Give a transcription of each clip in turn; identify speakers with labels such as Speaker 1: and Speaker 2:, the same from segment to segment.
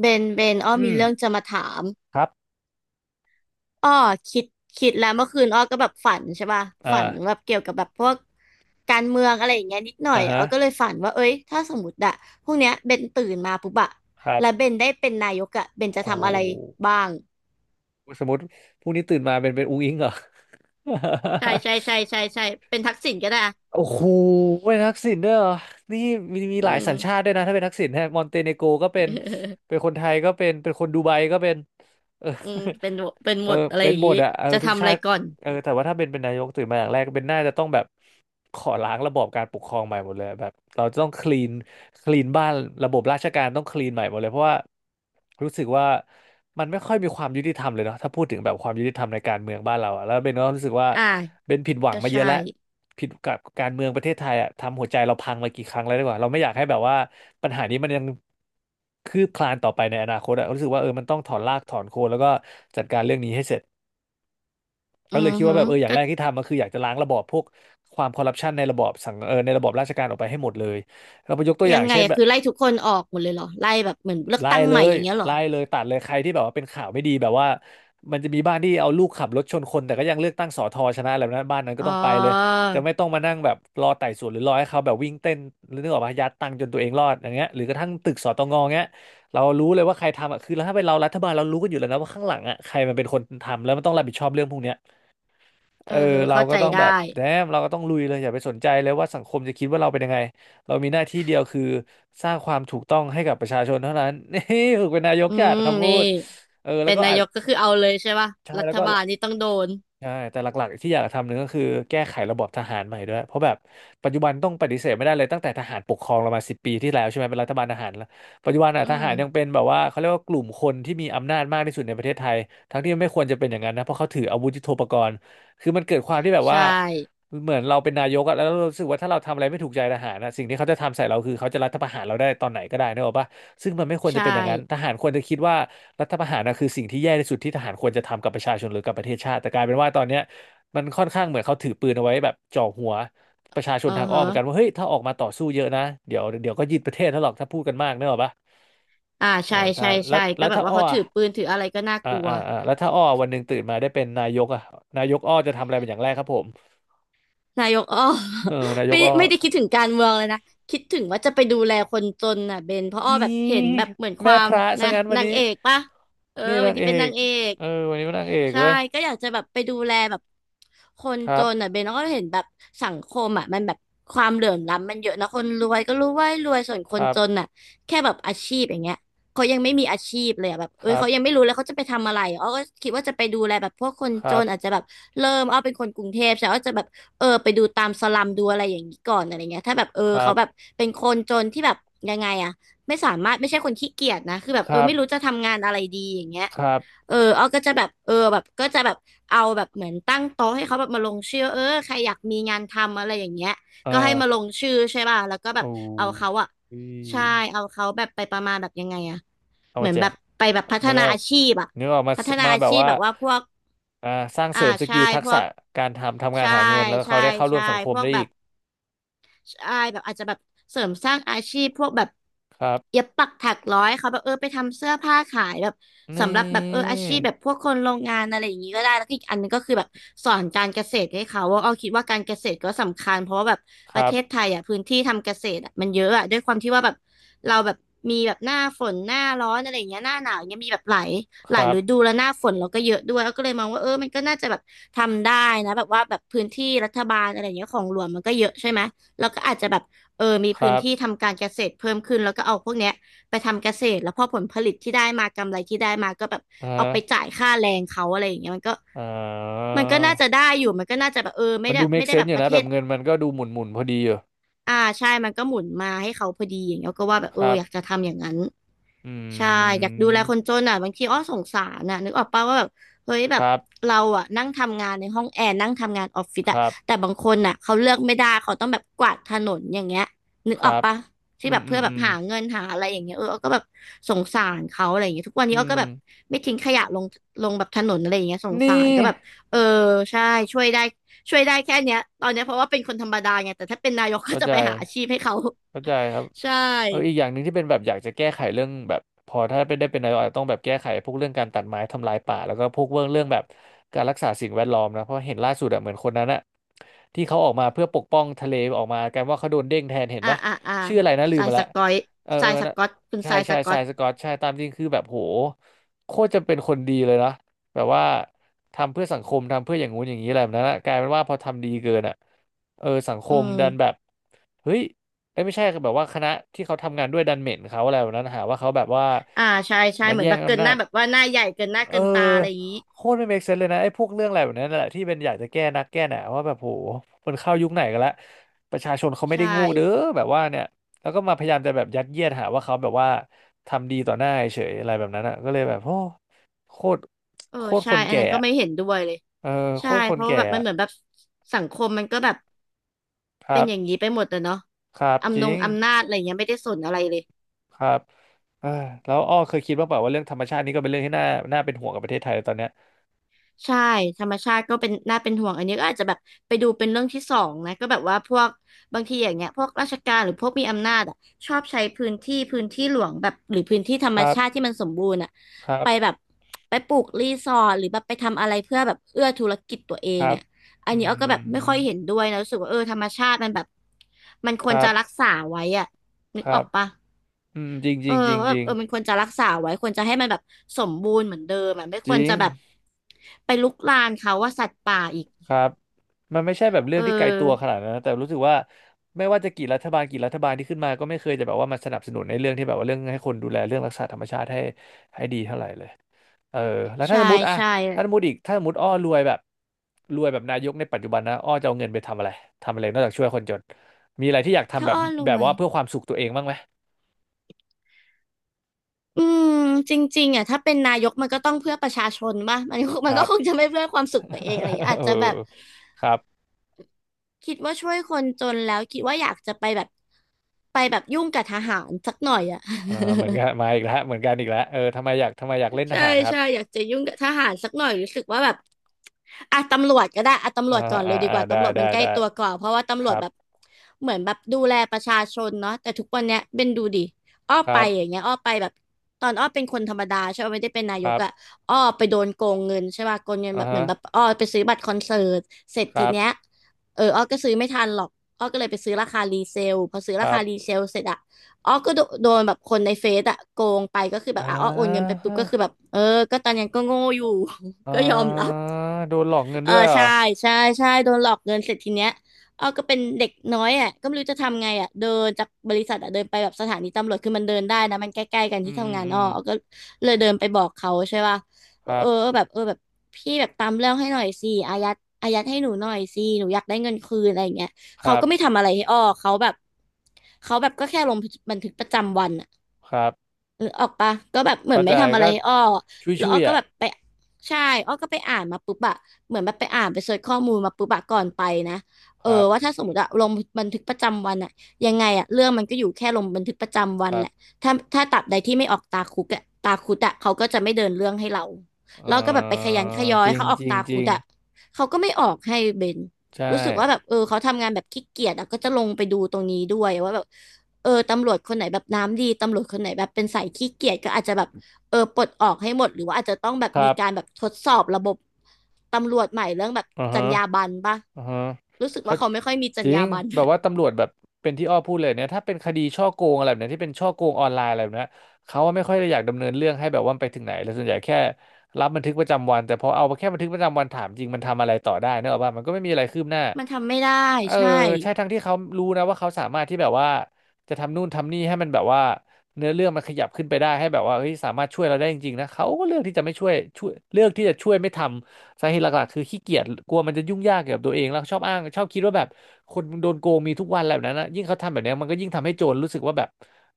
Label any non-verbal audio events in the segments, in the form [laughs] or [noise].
Speaker 1: เบนอ้อ
Speaker 2: อื
Speaker 1: มี
Speaker 2: ม
Speaker 1: เรื่องจะมาถาม
Speaker 2: ครับ
Speaker 1: อ้อคิดคิดแล้วเมื่อคืนอ้อก็แบบฝันใช่ป่ะฝันแบ
Speaker 2: อ่า
Speaker 1: บเกี่ยวกับแบบพวกการเมืองอะไรอย่างเงี้ยนิดหน่อย
Speaker 2: อ่า
Speaker 1: อ้
Speaker 2: ฮะ
Speaker 1: อก็เลยฝันว่าเอ้ยถ้าสมมติอะพวกเนี้ยเบนตื่นมาปุ๊บอะ
Speaker 2: ครับ
Speaker 1: แล้วเบนได้เป็นนายกอะเบน
Speaker 2: โ
Speaker 1: จะทำอะไร
Speaker 2: ห
Speaker 1: บ้าง
Speaker 2: สมมติพรุ่งนี้ตื่นมาเป็นอุ้งอิงเหรอ
Speaker 1: ใช่ใช่ใช่ใช่ใช่เป็นทักษิณก็ได้อะ
Speaker 2: [laughs] โอ้โหเป็นทักษิณด้วยเหรอนี่มี
Speaker 1: อื
Speaker 2: หลาย
Speaker 1: ม
Speaker 2: สัญชาติด้วยนะถ้าเป็นทักษิณฮะมอนเตเนโกรก็เป็นเป็นค
Speaker 1: [laughs]
Speaker 2: นไทยก็เป็นเป็นคนดูไบก็เป็นเออ
Speaker 1: อืมเป็น
Speaker 2: เอ
Speaker 1: ห
Speaker 2: อ
Speaker 1: มดอะไร
Speaker 2: เป็
Speaker 1: อ
Speaker 2: น
Speaker 1: ย่าง
Speaker 2: หม
Speaker 1: งี้
Speaker 2: ดอะเออ
Speaker 1: จะ
Speaker 2: ทุก
Speaker 1: ทำอะ
Speaker 2: ชา
Speaker 1: ไร
Speaker 2: ติ
Speaker 1: ก่อน
Speaker 2: เออแต่ว่าถ้าเป็นนายกตื่นมาอย่างแรกเป็นน่าจะต้องแบบขอล้างระบอบการปกครองใหม่หมดเลยแบบเราจะต้องคลีนคลีนบ้านระบบราชการต้องคลีนใหม่หมดเลยเพราะว่ารู้สึกว่ามันไม่ค่อยมีความยุติธรรมเลยเนาะถ้าพูดถึงแบบความยุติธรรมในการเมืองบ้านเราอะแล้วเบนก็รู้สึกว่า
Speaker 1: อ่า
Speaker 2: เบนผิดหวัง
Speaker 1: ก็
Speaker 2: มาเย
Speaker 1: ใช่
Speaker 2: อะแล้ว ผิดกับการเมืองประเทศไทยอะทำหัวใจเราพังมากี่ครั้งแล้วดีกว่าเราไม่อยากให้แบบว่าปัญหานี้มันยังคืบคลานต่อไปในอนาคตอะรู้สึกว่าเออมันต้องถอนรากถอนโคนแล้วก็จัดการเรื่องนี้ให้เสร็จก็
Speaker 1: อื
Speaker 2: เลย
Speaker 1: อ
Speaker 2: คิดว่า
Speaker 1: หื
Speaker 2: แบ
Speaker 1: อ
Speaker 2: บเอออย่าง
Speaker 1: ก็
Speaker 2: แรกที่ทำก็คืออยากจะล้างระบอบพวกความคอร์รัปชันในระบอบสังเออในระบอบราชการออกไปให้หมดเลยเราไปยกตัวอ
Speaker 1: ยั
Speaker 2: ย่าง
Speaker 1: งไง
Speaker 2: เช่น
Speaker 1: อะ
Speaker 2: แบบ
Speaker 1: คือไล่ทุกคนออกหมดเลยเหรอไล่แบบเหมือนเลือก
Speaker 2: ไล่
Speaker 1: ตั้ง
Speaker 2: เล
Speaker 1: ใหม่อ
Speaker 2: ย
Speaker 1: ย่างเงี้ยเหรอ
Speaker 2: ไล่เลยตัดเลยใครที่แบบว่าเป็นข่าวไม่ดีแบบว่ามันจะมีบ้านที่เอาลูกขับรถชนคนแต่ก็ยังเลือกตั้งสอทอชนะอะไรแบบนั้นบ้านนั้นก็
Speaker 1: อ๋อ
Speaker 2: ต้องไปเลยจะไม่ต้องมานั่งแบบรอไต่สวนหรือรอให้เขาแบบวิ่งเต้นหรือนึกออกมายัดตังค์จนตัวเองรอดอย่างเงี้ยหรือกระทั่งตึกสตงเงี้ยเรารู้เลยว่าใครทำอ่ะคือแล้วถ้าเป็นเรารัฐบาลเรารู้กันอยู่แล้วนะว่าข้างหลังอ่ะใครมันเป็นคนทำแล้วมันต้องรับผิดชอบเรื่องพวกเนี้ย เอ
Speaker 1: เอ
Speaker 2: อ
Speaker 1: อ
Speaker 2: เรา
Speaker 1: เข้า
Speaker 2: ก็
Speaker 1: ใจ
Speaker 2: ต้อง
Speaker 1: ได้
Speaker 2: แบบแดมเราก็ต้องลุยเลยอย่าไปสนใจเลยว่าสังคมจะคิดว่าเราเป็นยังไงเรามีหน้าที่เดียวคือสร้างความถูกต้องให้กับประชาชนเท่านั้น [laughs] นี่ฝึกเป็นนายก
Speaker 1: อื
Speaker 2: จัด
Speaker 1: ม
Speaker 2: คำพู
Speaker 1: นี่
Speaker 2: ดเออแล้
Speaker 1: เป็
Speaker 2: ว
Speaker 1: น
Speaker 2: ก็
Speaker 1: นา
Speaker 2: อาจ
Speaker 1: ยกก็คือเอาเลยใช่ป่ะ
Speaker 2: ใช่
Speaker 1: รั
Speaker 2: แล้
Speaker 1: ฐ
Speaker 2: วก็
Speaker 1: บาลนี่ต้องโดน
Speaker 2: ใช่แต่หลักๆที่อยากทำหนึ่งก็คือแก้ไขระบบทหารใหม่ด้วยเพราะแบบปัจจุบันต้องปฏิเสธไม่ได้เลยตั้งแต่ทหารปกครองเรามา10 ปีที่แล้วใช่ไหมเป็นรัฐบาลทหารแล้วปัจจุบันอ่ะ
Speaker 1: อื
Speaker 2: ทหารยังเป็
Speaker 1: ม
Speaker 2: นแบบว่าเขาเรียกว่ากลุ่มคนที่มีอำนาจมากที่สุดในประเทศไทยทั้งที่มันไม่ควรจะเป็นอย่างนั้นนะเพราะเขาถืออาวุธยุทโธปกรณ์คือมันเกิดความที่แบบ
Speaker 1: ใช่
Speaker 2: ว่าเหมือนเราเป็นนายกอะแล้วเรารู้สึกว่าถ้าเราทำอะไรไม่ถูกใจทหารนะสิ่งที่เขาจะทำใส่เราคือเขาจะรัฐประหารเราได้ตอนไหนก็ได้นะบอกปะ ซึ่งมันไม่ควรจะ
Speaker 1: ใช่
Speaker 2: เป็นอย่างนั้นทหารควรจะคิดว่ารัฐประหารนะคือสิ่งที่แย่ที่สุดที่ทหารควรจะทำกับประชาชนหรือกับประเทศชาติ แต่กลายเป็นว่าตอนเนี้ยมันค่อนข้างเหมือนเขาถือปืนเอาไว้แบบจ่อหัวประชาช
Speaker 1: เอ
Speaker 2: น
Speaker 1: อ
Speaker 2: ทางอ้อม
Speaker 1: ฮะ
Speaker 2: เหมือนกันว่าเฮ้ยถ้าออกมาต่อสู้เยอะนะเดี๋ยวก็ยึดประเทศถ้าหรอกถ้าพูดกันมากเนกอะปะ
Speaker 1: อ่า
Speaker 2: เอ
Speaker 1: ใช่
Speaker 2: อใช่
Speaker 1: ใช่
Speaker 2: แล้
Speaker 1: ใช่
Speaker 2: วแล้
Speaker 1: ก็
Speaker 2: ว
Speaker 1: แบบ
Speaker 2: ถ้า
Speaker 1: ว่า
Speaker 2: อ้อ
Speaker 1: เขาถื
Speaker 2: อ่ะ
Speaker 1: อปืนถืออะไรก็น่ากลัว
Speaker 2: แล้วถ้าอ้อวันหนึ่งตื่นมาได้เป็นนายกอ่ะนายกอ้อจะทำอะไรเป็นอย่างแรกครับผม
Speaker 1: นายกอ้อ
Speaker 2: เออนา
Speaker 1: [laughs]
Speaker 2: ย
Speaker 1: ไม่
Speaker 2: กอ้อ
Speaker 1: ไม่ได้คิดถึงการเมืองเลยนะคิดถึงว่าจะไปดูแลคนจนน่ะเบนเพราะอ้อ
Speaker 2: นี่
Speaker 1: แบบเห็นแบบเหมือนค
Speaker 2: แม่
Speaker 1: วา
Speaker 2: พ
Speaker 1: ม
Speaker 2: ระซะ
Speaker 1: นะ
Speaker 2: งั้นวัน
Speaker 1: นาง
Speaker 2: นี้
Speaker 1: เอกปะเออ
Speaker 2: นี่
Speaker 1: วั
Speaker 2: นา
Speaker 1: น
Speaker 2: ง
Speaker 1: นี้
Speaker 2: เอ
Speaker 1: เป็น
Speaker 2: ก
Speaker 1: นางเอก
Speaker 2: เออวันนี้เป็นนางเอก
Speaker 1: ใช่
Speaker 2: เว้ย
Speaker 1: ก็อยากจะแบบไปดูแลแบบคน
Speaker 2: ค
Speaker 1: จ
Speaker 2: รับ
Speaker 1: นน่ะเบนอ้อก็เห็นแบบสังคมอ่ะมันแบบความเหลื่อมล้ำมันเยอะนะคนรวยก็รู้ว่ารวยส่วนค
Speaker 2: ค
Speaker 1: น
Speaker 2: รั
Speaker 1: จน
Speaker 2: บ
Speaker 1: น่ะแค่แบบอาชีพอย่างเงี้ยเขายังไม่มีอาชีพเลยอะแบบ
Speaker 2: ค
Speaker 1: เอ้ย
Speaker 2: รั
Speaker 1: เขายังไม่
Speaker 2: บ
Speaker 1: รู้เลยเขาจะไปทำอะไรอ้อก็คิดว่าจะไปดูแลแบบพวกคน
Speaker 2: ค
Speaker 1: จ
Speaker 2: รับ
Speaker 1: นอาจจะแบบเริ่มอ้อเป็นคนกรุงเทพใช่อ้อจะแบบ เออไปดูตามสลัมดูอะไรอย่างนี้ก่อนอะไรเงี้ยถ้าแบบเอ
Speaker 2: ค
Speaker 1: อ
Speaker 2: รั
Speaker 1: เขา
Speaker 2: บ
Speaker 1: แบบเป็นคนจนที่แบบยังไงอะไม่สามารถไม่ใช่คนขี้เกียจนะคือแบบ
Speaker 2: ค
Speaker 1: เออ
Speaker 2: รับ
Speaker 1: ไม่รู้จะทำงานอะไรดีอย่างเงี้ย
Speaker 2: ครับ
Speaker 1: เออเอาก็จะแบบเออแบบก็จะแบบเอาแบบเหมือนตั้งโต๊ะให้เขาแบบมาลงชื่อเออใครอยากมีงานทำอะไรอย่างเงี้ย
Speaker 2: เอ
Speaker 1: ก็ให้
Speaker 2: อ
Speaker 1: มาลงชื่อใช่ป่ะแล้วก็แบ
Speaker 2: โอ้
Speaker 1: บเอาเขาอะใช่
Speaker 2: ย
Speaker 1: เอาเขาแบบไปประมาณแบบยังไงอะ
Speaker 2: เอา
Speaker 1: เหมื
Speaker 2: มา
Speaker 1: อน
Speaker 2: แจ
Speaker 1: แบ
Speaker 2: ก
Speaker 1: บไปแบบพัฒ
Speaker 2: นึก
Speaker 1: นา
Speaker 2: ออก
Speaker 1: อาชีพอะ
Speaker 2: นึกออกมา
Speaker 1: พัฒนา
Speaker 2: มา
Speaker 1: อา
Speaker 2: แบบ
Speaker 1: ชีพ
Speaker 2: ว่า
Speaker 1: แบบว่าพวก
Speaker 2: อ่าสร้าง
Speaker 1: อ่า
Speaker 2: เสริมส
Speaker 1: ใช่
Speaker 2: กิลทัก
Speaker 1: พว
Speaker 2: ษะ
Speaker 1: ก
Speaker 2: การทำงาน
Speaker 1: ใช่
Speaker 2: หาเงินแล้วก็
Speaker 1: ใช่
Speaker 2: เขาได้เข้าร่ว
Speaker 1: ใช่
Speaker 2: มสังคม
Speaker 1: พวก
Speaker 2: ได้
Speaker 1: แบ
Speaker 2: อี
Speaker 1: บ
Speaker 2: ก
Speaker 1: ใช่แบบอาจจะแบบเสริมสร้างอาชีพพวกแบบ
Speaker 2: ครั
Speaker 1: เย็
Speaker 2: บ
Speaker 1: บปักถักร้อยเขาแบบเออไปทำเสื้อผ้าขายแบบ
Speaker 2: นี
Speaker 1: สำหรับแบบเออ
Speaker 2: ่
Speaker 1: อาชีพแบบพวกคนโรงงานอะไรอย่างนี้ก็ได้แล้วก็อีกอันนึงก็คือแบบสอนการเกษตรให้เขาว่าเอาคิดว่าการเกษตรก็สำคัญเพราะว่าแบบ
Speaker 2: ค
Speaker 1: ประ
Speaker 2: รั
Speaker 1: เท
Speaker 2: บ
Speaker 1: ศไทยอ่ะพื้นที่ทำเกษตรอะมันเยอะอ่ะด้วยความที่ว่าแบบเราแบบมีแบบหน้าฝนหน้าร้อนอะไรอย่างเงี้ยหน้าหนาวอย่างเงี้ยมีแบบหลาย
Speaker 2: ค
Speaker 1: หลา
Speaker 2: รั
Speaker 1: ย
Speaker 2: บ
Speaker 1: ฤดูแล้วหน้าฝนเราก็เยอะด้วยแล้วก็เลยมองว่าเออมันก็น่าจะแบบทำได้นะแบบว่าแบบพื้นที่รัฐบาลอะไรอย่างเงี้ยของหลวงมันก็เยอะใช่ไหม แล้วก็อาจจะแบบเออมี
Speaker 2: ค
Speaker 1: พื้น
Speaker 2: รับ
Speaker 1: ที่ทำการเกษตรเพิ่มขึ้นแล้วก็เอาพวกเนี้ยไปทำเกษตรแล้วพอผลผลิตที่ได้มากำไรที่ได้มาก็แบบ
Speaker 2: อ่
Speaker 1: เอา
Speaker 2: า
Speaker 1: ไปจ่ายค่าแรงเขาอะไรอย่างเงี้ยมันก็
Speaker 2: อ่า
Speaker 1: มันก็น่าจะได้อยู่มันก็น่าจะแบบเออไม่
Speaker 2: มัน
Speaker 1: ได้
Speaker 2: ดู
Speaker 1: ไม่
Speaker 2: make
Speaker 1: ได้แบ
Speaker 2: sense อ
Speaker 1: บป
Speaker 2: ยู่
Speaker 1: ระ
Speaker 2: นะ
Speaker 1: เท
Speaker 2: แบ
Speaker 1: ศ
Speaker 2: บเงินมันก็ดูหมุนหมุนพอดีอยู่
Speaker 1: อ่าใช่มันก็หมุนมาให้เขาพอดีอย่างเงี้ยก็ว่าแบบ
Speaker 2: ค
Speaker 1: เออ
Speaker 2: รับ
Speaker 1: อยากจะทำอย่างนั้น
Speaker 2: อื
Speaker 1: ใช่อยากดูแลคน
Speaker 2: ม
Speaker 1: จนอ่ะบางทีอ้อสงสารน่ะนึกออกป่าว่าแบบเฮ้ยแบ
Speaker 2: ค
Speaker 1: บ
Speaker 2: รับ
Speaker 1: เราอ่ะนั่งทำงานในห้องแอร์นั่งทำงานออฟฟิศ
Speaker 2: ค
Speaker 1: อ่ะ
Speaker 2: รับ
Speaker 1: แต่บางคนน่ะเขาเลือกไม่ได้เขาต้องแบบกวาดถนนอย่างเงี้ยนึก
Speaker 2: ค
Speaker 1: ออก
Speaker 2: รับ
Speaker 1: ป่ะที่
Speaker 2: อื
Speaker 1: แบ
Speaker 2: ม
Speaker 1: บ
Speaker 2: อื
Speaker 1: เพื่
Speaker 2: ม
Speaker 1: อแบ
Speaker 2: อื
Speaker 1: บ
Speaker 2: ม
Speaker 1: หาเงินหาอะไรอย่างเงี้ยเอออ้อก็แบบสงสารเขาอะไรอย่างเงี้ยทุกวัน
Speaker 2: อื
Speaker 1: นี้อ้อก็
Speaker 2: ม
Speaker 1: แบบไม่ทิ้งขยะลงแบบถนนอะไรอย่างเงี้ยสง
Speaker 2: นี่
Speaker 1: สารก็แบบเออใช่ช่วยได้ ช่วยได้แค่เนี้ยตอนเนี้ยเพราะว่าเป็นคนธรรมดาไงแต่ถ้าเป็นนายกก็
Speaker 2: เข้า
Speaker 1: จะ
Speaker 2: ใจ
Speaker 1: ไปหาอาชีพให้เขา
Speaker 2: เข้าใจครับ
Speaker 1: [laughs] ใช่
Speaker 2: อีกอย่างหนึ่งที่เป็นแบบอยากจะแก้ไขเรื่องแบบพอถ้าเป็นได้เป็นนายกอาจจะต้องแบบแก้ไขพวกเรื่องการตัดไม้ทำลายป่าแล้วก็พวกเรื่องแบบการรักษาสิ่งแวดล้อมนะเพราะเห็นล่าสุดอะเหมือนคนนั้นอะที่เขาออกมาเพื่อปกป้องทะเลออกมากันว่าเขาโดนเด้งแทนเห็น
Speaker 1: อ่า
Speaker 2: ปะ
Speaker 1: อ่าอ่า
Speaker 2: ชื่ออะไรนะลื
Speaker 1: ท
Speaker 2: ม
Speaker 1: ราย
Speaker 2: มา
Speaker 1: ส
Speaker 2: ละ
Speaker 1: กอย
Speaker 2: เออ
Speaker 1: ท
Speaker 2: เอ
Speaker 1: รา
Speaker 2: อ
Speaker 1: ยส
Speaker 2: นะ
Speaker 1: กอตคุณ
Speaker 2: ใช่
Speaker 1: ทรายส
Speaker 2: ใช่
Speaker 1: ก
Speaker 2: ท
Speaker 1: อ
Speaker 2: รา
Speaker 1: ต
Speaker 2: ยสกอตใช่ตามจริงคือแบบโหโคตรจะเป็นคนดีเลยนะแบบว่าทำเพื่อสังคมทำเพื่ออย่างงู้นอย่างนี้อะไรแบบนั้นอะกลายเป็นว่าพอทำดีเกินอะสังค
Speaker 1: อื
Speaker 2: มดันแบ
Speaker 1: ม
Speaker 2: บเฮ้ย เอ้ยไม่ใช่แบบว่าคณะที่เขาทำงานด้วยดันเหม็นเขาอะไรแบบนั้นหาว่าเขาแบบว่า
Speaker 1: อ่าใช่ใช่
Speaker 2: มา
Speaker 1: เหมือน
Speaker 2: แย่
Speaker 1: แบ
Speaker 2: ง
Speaker 1: บเกิ
Speaker 2: อำ
Speaker 1: นห
Speaker 2: นา
Speaker 1: น้า
Speaker 2: จ
Speaker 1: แบบว่าหน้าใหญ่เกินหน้า
Speaker 2: เออ
Speaker 1: เกินตาอะไรอย่างนี้
Speaker 2: โคตรไม่เมคเซนเลยนะไอ้พวกเรื่องอะไรแบบนั้นแหละที่เป็นอยากจะแก้นักแก้หนาว่าแบบโหมันเข้ายุคไหนกันละประชาชนเขาไม่ได้
Speaker 1: ใช่
Speaker 2: งูเด้อแบบว่าเนี่ยแล้วก็มาพยายามจะแบบยัดเยียดหาว่าเขาแบบว่าทำดีต่อหน้าเฉยอะไรแบบนั้นอ่ะก็เลยแบบโอ้โคตร
Speaker 1: เออ
Speaker 2: โคตรค
Speaker 1: ใช่
Speaker 2: น
Speaker 1: อัน
Speaker 2: แก่
Speaker 1: นั้นก็
Speaker 2: อะ
Speaker 1: ไม่เห็นด้วยเลย
Speaker 2: เออโค
Speaker 1: ใช่
Speaker 2: ตรค
Speaker 1: เพ
Speaker 2: น
Speaker 1: ราะว่า
Speaker 2: แก่
Speaker 1: แบบมัน
Speaker 2: อะ
Speaker 1: เหมือนแบบสังคมมันก็แบบ
Speaker 2: ครั
Speaker 1: เป็นอย่าง
Speaker 2: บ
Speaker 1: นี้ไปหมดอะเนาะ
Speaker 2: ครับจ
Speaker 1: อำน
Speaker 2: ริ
Speaker 1: ง
Speaker 2: ง
Speaker 1: อำนาจอะไรเงี้ยไม่ได้สนอะไรเลย
Speaker 2: ครับเอ้แล้วอ้อเคยคิดบ้างเปล่าว่าเรื่องธรรมชาตินี่ก็เป็นเรื่องที่น่าเป็นห่วงกับประเทศไทยตอนเนี้ย
Speaker 1: ใช่ธรรมชาติก็เป็นน่าเป็นห่วงอันนี้ก็อาจจะแบบไปดูเป็นเรื่องที่สองนะก็แบบว่าพวกบางทีอย่างเงี้ยพวกราชการหรือพวกมีอำนาจอ่ะชอบใช้พื้นที่หลวงแบบหรือพื้นที่ธรร
Speaker 2: ค
Speaker 1: ม
Speaker 2: รับ
Speaker 1: ชาติที่มันสมบูรณ์อ่ะ
Speaker 2: ครั
Speaker 1: ไป
Speaker 2: บ
Speaker 1: แบบไปปลูกรีสอร์ทหรือแบบไปทำอะไรเพื่อแบบเอื้อธุรกิจตัวเอ
Speaker 2: ค
Speaker 1: ง
Speaker 2: รับ
Speaker 1: อ่ะอัน
Speaker 2: อื
Speaker 1: นี้อ้อก็แบบไม่ค่อ
Speaker 2: ม
Speaker 1: ยเห็นด้วยนะรู้สึกว่าเออธรรมชาติมันแบบมันค
Speaker 2: ค
Speaker 1: วร
Speaker 2: รั
Speaker 1: จะรัก
Speaker 2: บ
Speaker 1: ษาไว้อ่ะ
Speaker 2: ค
Speaker 1: นึกอ
Speaker 2: รั
Speaker 1: อ
Speaker 2: บ
Speaker 1: กปะ
Speaker 2: อืมจริงจ
Speaker 1: เอ
Speaker 2: ริ
Speaker 1: อ
Speaker 2: งจริง
Speaker 1: ว่าแบ
Speaker 2: จ
Speaker 1: บ
Speaker 2: ริง
Speaker 1: เออมันควรจะรักษาไว้ควรจะให้มันแบบสมบูรณ์เหมือนเดิมอะไม่
Speaker 2: จ
Speaker 1: ควร
Speaker 2: ริง
Speaker 1: จะแบบไปลุกลานเขาว่าสัตว์ป่าอีก
Speaker 2: ครับมันไม่ใช่แบบเรื่
Speaker 1: เอ
Speaker 2: องที่ไกลตัวข
Speaker 1: อ
Speaker 2: นาดนั้นนะแต่รู้สึกว่าไม่ว่าจะกี่รัฐบาลที่ขึ้นมาก็ไม่เคยจะแบบว่ามาสนับสนุนในเรื่องที่แบบว่าเรื่องให้คนดูแลเรื่องรักษาธรรมชาติให้ดีเท่าไหร่เลย เออแล้วถ้า
Speaker 1: ใช่
Speaker 2: สมมติอะ
Speaker 1: ใช่
Speaker 2: ถ้าสมมติอ้อรวยแบบรวยแบบนายกในปัจจุบันนะอ้อจะเอาเงินไปทำอะไรทำอะไรนอกจากช่วยคนจนมีอะไรที่อยากทำ
Speaker 1: ถ้า
Speaker 2: แบบ
Speaker 1: อ้อร
Speaker 2: แบบ
Speaker 1: วย
Speaker 2: ว่าเพื่อความสุขตัวเองบ้างไหม
Speaker 1: อืมจริงๆอ่ะถ้าเป็นนายกก็ต้องเพื่อประชาชนป่ะมัน
Speaker 2: ค
Speaker 1: มัน
Speaker 2: รั
Speaker 1: ก็
Speaker 2: บ
Speaker 1: คงจะไม่เพื่อความสุขตัวเองอะไรอย่างเงี้ย
Speaker 2: [laughs]
Speaker 1: อา
Speaker 2: เอ
Speaker 1: จ
Speaker 2: อ
Speaker 1: จะแบบ
Speaker 2: ครับ
Speaker 1: คิดว่าช่วยคนจนแล้วคิดว่าอยากจะไปแบบไปแบบยุ่งกับทหารสักหน่อยอ่ะ
Speaker 2: เอ่าเหมือน
Speaker 1: [laughs]
Speaker 2: กันมาอีกแล้วเหมือนกันอีกแล้วทำไมอยากเล่นท
Speaker 1: ใช่
Speaker 2: หารครับ
Speaker 1: ใช่อยากจะยุ่งกับทหารสักหน่อยรู้สึกว่าแบบอ่ะตำรวจก็ได้อ่ะตำร
Speaker 2: อ่า
Speaker 1: วจก่อน
Speaker 2: อ่า
Speaker 1: เลยดี
Speaker 2: อ่า
Speaker 1: กว่า
Speaker 2: ได้
Speaker 1: ตำรวจ
Speaker 2: ได้
Speaker 1: มันใกล้
Speaker 2: ได้
Speaker 1: ตัวกว่าเพราะว่า
Speaker 2: ค
Speaker 1: ตำรว
Speaker 2: รั
Speaker 1: จ
Speaker 2: บ
Speaker 1: แบบเหมือนแบบดูแลประชาชนเนาะแต่ทุกวันเนี้ยเป็นดูดิอ้อ
Speaker 2: ค
Speaker 1: ไป
Speaker 2: รับ
Speaker 1: อย่างเงี้ยอ้อไปแบบตอนอ้อเป็นคนธรรมดาใช่ไหมไม่ได้เป็นนา
Speaker 2: ค
Speaker 1: ยก
Speaker 2: รับ
Speaker 1: อะอ้อไปโดนโกงเงินใช่ป่ะโกงเงิน
Speaker 2: อ่า
Speaker 1: แบบเหมื
Speaker 2: ฮะ
Speaker 1: อนแบบอ้อไปซื้อบัตรคอนเสิร์ตเสร็จ
Speaker 2: ค
Speaker 1: ที
Speaker 2: รับ
Speaker 1: เนี้ยเอออ้อก็ซื้อไม่ทันหรอกอ้อก็เลยไปซื้อราคารีเซลพอซื้อ
Speaker 2: ค
Speaker 1: รา
Speaker 2: รั
Speaker 1: คารี
Speaker 2: บ
Speaker 1: เซลเสร็จอะ อ๋อก็โดนแบบคนในเฟซอะโกงไปก็คือแบ
Speaker 2: อ่า
Speaker 1: บอ๋อโอนเงินไปปุ๊บ
Speaker 2: ฮะ
Speaker 1: ก็คือแบบเออก็ตอนนั้นก็โง่อยู่ [laughs]
Speaker 2: อ่
Speaker 1: ก็ยอมรั
Speaker 2: า
Speaker 1: บ
Speaker 2: โดนหลอกเงิน
Speaker 1: เอ
Speaker 2: ด้
Speaker 1: อ
Speaker 2: วยเหรอ
Speaker 1: ใช่ใช่ใช่โดนหลอกเงินเสร็จทีเนี้ยอ้อก็เป็นเด็กน้อยอ่ะก็ไม่รู้จะทำไงอ่ะเดินจากบริษัทอ่ะเดินไปแบบสถานีตำรวจคือมันเดินได้นะมันใกล้ๆกัน
Speaker 2: อื
Speaker 1: ที่
Speaker 2: มอื
Speaker 1: ทำ
Speaker 2: ม
Speaker 1: งาน
Speaker 2: อื
Speaker 1: อ้อ
Speaker 2: ม
Speaker 1: อ้อก็เลยเดินไปบอกเขาใช่ป่ะ
Speaker 2: ครั
Speaker 1: เอ
Speaker 2: บ
Speaker 1: อแบบเออแบบพี่แบบตามเรื่องให้หน่อยสิอายัดอายัดให้หนูหน่อยสิหนูอยากได้เงินคืนอะไรอย่างเงี้ย
Speaker 2: ค
Speaker 1: เขา
Speaker 2: รับ
Speaker 1: ก็ไม่ทำอะไรให้อ้อเขาแบบเขาแบบก็แค่ลงบันทึกประจำวัน
Speaker 2: ครับ
Speaker 1: หรือออกปะก็แบบเหมือ
Speaker 2: เข้า
Speaker 1: น
Speaker 2: ใจ
Speaker 1: ไม่ทำอะ
Speaker 2: ก็
Speaker 1: ไรให้อ้อ
Speaker 2: ชุย
Speaker 1: แล้
Speaker 2: ชุ
Speaker 1: วอ้
Speaker 2: ย
Speaker 1: อก็
Speaker 2: อ่ะ
Speaker 1: แบบไปใช่อ้อก็ไปอ่านมาปุ๊บอะเหมือนแบบไปอ่านไปเสิร์ชข้อมูลมาปุ๊บอะก่อนไปนะ
Speaker 2: ค
Speaker 1: เออ
Speaker 2: รับ
Speaker 1: ว่าถ้าสมมติอะลงบันทึกประจำวันอะยังไงอะเรื่องมันก็อยู่แค่ลงบันทึกประจำ
Speaker 2: ค
Speaker 1: วัน
Speaker 2: รั
Speaker 1: แห
Speaker 2: บ
Speaker 1: ละถ้าตราบใดที่ไม่ออกตาคุกอะตาคุดอะเขาก็จะไม่เดินเรื่องให้เรา
Speaker 2: เอ
Speaker 1: เราก็แบบไปข
Speaker 2: อ
Speaker 1: ยันขยอย
Speaker 2: จริ
Speaker 1: ให้
Speaker 2: ง
Speaker 1: เขาออ
Speaker 2: จ
Speaker 1: ก
Speaker 2: ริง
Speaker 1: ตา
Speaker 2: จ
Speaker 1: คุ
Speaker 2: ริ
Speaker 1: ด
Speaker 2: ง
Speaker 1: อะเขาก็ไม่ออกให้เบน
Speaker 2: ใช่
Speaker 1: รู้สึกว่าแบบเออเขาทำงานแบบขี้เกียจอะก็จะลงไปดูตรงนี้ด้วยว่าแบบ เออตำรวจคนไหนแบบน้ำดีตำรวจคนไหนแบบเป็นสายขี้เกียจก็อาจจะแบบเออปลดออกให้หมดหรือว่าอาจจะต้องแบบ
Speaker 2: ครั
Speaker 1: มีการแบ
Speaker 2: บ
Speaker 1: บทดสอบระบบตำรวจใหม่เรื่องแบบ
Speaker 2: อือ
Speaker 1: จร
Speaker 2: ฮะ
Speaker 1: รยาบรรณป่ะ
Speaker 2: อือฮะ
Speaker 1: รู้สึก
Speaker 2: เขา
Speaker 1: ว่าเขาไม่ค่อยมีจร
Speaker 2: จ
Speaker 1: ร
Speaker 2: ริ
Speaker 1: ยา
Speaker 2: ง
Speaker 1: บรรณ [laughs]
Speaker 2: แบบว่าตำรวจแบบเป็นที่อ้อพูดเลยเนี่ยถ้าเป็นคดีช่อโกงอะไรแบบเนี้ยที่เป็นช่อโกงออนไลน์อะไรแบบเนี้ยเขาว่าไม่ค่อยได้อยากดำเนินเรื่องให้แบบว่ามันไปถึงไหนเลยส่วนใหญ่แค่รับบันทึกประจำวันแต่พอเอาแค่บันทึกประจำวันถามจริงมันทำอะไรต่อได้เนกอะว่ามันก็ไม่มีอะไรคืบหน้า
Speaker 1: มันทำไม่ได้
Speaker 2: เออ
Speaker 1: ใช่
Speaker 2: ใช่ทั้งที่เขารู้นะว่าเขาสามารถที่แบบว่าจะทำนู่นทำนี่ให้มันแบบว่าเนื้อเรื่องมันขยับขึ้นไปได้ให้แบบว่าเฮ้ยสามารถช่วยเราได้จริงๆนะเขาก็เลือกที่จะไม่ช่วยเลือกที่จะช่วยไม่ทำ สาเหตุหลักๆคือขี้เกียจกลัวมันจะยุ่งยากเกี่ยวกับตัวเองแล้วชอบอ้างชอบคิดว่าแบบคนโดนโกงมีทุกวันอะไรแบบนั้นนะยิ่งเขาทำแบบนี้มันก็ยิ่งทำให้โจรรู้สึกว่าแบบ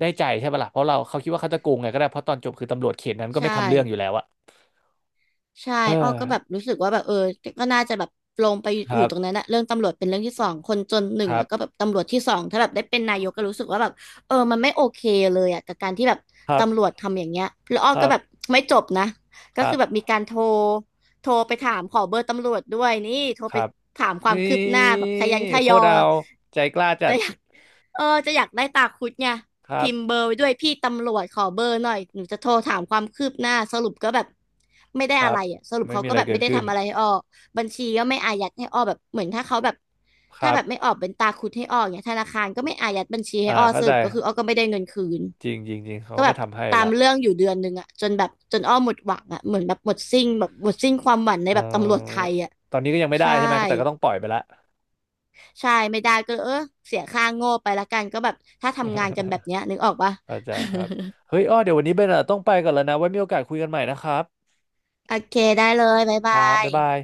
Speaker 2: ได้ใจใช่ปะล่ะเพราะเราเขาคิดว่าเขาจะโกงไงก็ได้เพราะตอนจบคือตำรวจเขตนั้นก็ไม่
Speaker 1: ใช่
Speaker 2: ทำเรื่องอยู่แล้วอะ
Speaker 1: ใช่
Speaker 2: เออ
Speaker 1: อ้อก็แบบรู้สึกว่าแบบเออก็น่าจะแบบลงไป
Speaker 2: ค
Speaker 1: อยู่
Speaker 2: รับ
Speaker 1: ตรงนั้นนะเรื่องตำรวจเป็นเรื่องที่สองคนจนหนึ่
Speaker 2: ค
Speaker 1: ง
Speaker 2: รั
Speaker 1: แล้วก็
Speaker 2: บ
Speaker 1: แบบตำรวจที่สองถ้าแบบได้เป็นนายกก็รู้สึกว่าแบบเออมันไม่โอเคเลยอ่ะกับการที่แบบ
Speaker 2: ครับ
Speaker 1: ตำรวจทำอย่างเงี้ยแล้วอ้
Speaker 2: ค
Speaker 1: อ
Speaker 2: รั
Speaker 1: ก็
Speaker 2: บ
Speaker 1: แบบไม่จบนะ
Speaker 2: ค
Speaker 1: ก็
Speaker 2: รั
Speaker 1: คือแบบมี
Speaker 2: บ
Speaker 1: การโทรไปถามขอเบอร์ตำรวจด้วยนี่โทร
Speaker 2: ค
Speaker 1: ไป
Speaker 2: รับ
Speaker 1: ถามควา
Speaker 2: นี
Speaker 1: มคืบหน้า
Speaker 2: ่
Speaker 1: แบบขยันข
Speaker 2: โค
Speaker 1: ย
Speaker 2: ตร
Speaker 1: อ
Speaker 2: เอาใจกล้าจั
Speaker 1: จะ
Speaker 2: ด
Speaker 1: อยากเออจะอยากได้ตาคุดไง
Speaker 2: ครั
Speaker 1: พิ
Speaker 2: บ
Speaker 1: มพ์เบอร์ไว้ด้วยพี่ตำรวจขอเบอร์หน่อยหนูจะโทรถามความคืบหน้าสรุปก็แบบไม่ได้
Speaker 2: ค
Speaker 1: อะ
Speaker 2: รับ
Speaker 1: ไรอ่ะสรุป
Speaker 2: ไม่
Speaker 1: เขา
Speaker 2: มี
Speaker 1: ก็
Speaker 2: อะไร
Speaker 1: แบบ
Speaker 2: เกิ
Speaker 1: ไม่
Speaker 2: ด
Speaker 1: ได้
Speaker 2: ขึ้น
Speaker 1: ทำอะไรให้อ้อบัญชีก็ไม่อายัดให้อ้อแบบเหมือนถ้าเขาแบบ
Speaker 2: ค
Speaker 1: ถ้า
Speaker 2: รั
Speaker 1: แบ
Speaker 2: บ
Speaker 1: บไม่ออกเป็นตาคุดให้อ้อเนี่ยธนาคารก็ไม่อายัดบัญชีให้
Speaker 2: อ่า
Speaker 1: อ้อ
Speaker 2: เข้า
Speaker 1: ส
Speaker 2: ใจ
Speaker 1: รุปก็คืออ้อก็ไม่ได้เงินคืน
Speaker 2: จริงจริงจริงเขา
Speaker 1: ก็
Speaker 2: ก็
Speaker 1: แบ
Speaker 2: ไม่
Speaker 1: บ
Speaker 2: ทำให้
Speaker 1: ตาม
Speaker 2: ละ
Speaker 1: เรื่องอยู่เดือนหนึ่งอ่ะจนแบบจนอ้อหมดหวังอ่ะเหมือนแบบหมดสิ้นแบบหมดสิ้นความหวังใน
Speaker 2: เอ
Speaker 1: แบบตำรวจไท
Speaker 2: อ
Speaker 1: ยอ่ะ
Speaker 2: ตอนนี้ก็ยังไม่ได้
Speaker 1: ใช่
Speaker 2: ใช่ไหมแต่ก็ต้องปล่อยไปละ
Speaker 1: ใช่ไม่ได้ก็เออเสียค่าโง่ไปละกันก็แบบถ้าทำงานกันแบบเนี้ยนึกออกปะ
Speaker 2: [laughs] เข้าใจครับ
Speaker 1: [laughs]
Speaker 2: เฮ้ยอ้อเดี๋ยววันนี้เบนอะต้องไปก่อนแล้วนะ ไว้มีโอกาสคุยกันใหม่นะครับ
Speaker 1: โอเคได้เลยบ๊าย
Speaker 2: ค
Speaker 1: บา
Speaker 2: รับ
Speaker 1: ย
Speaker 2: บ๊ายบาย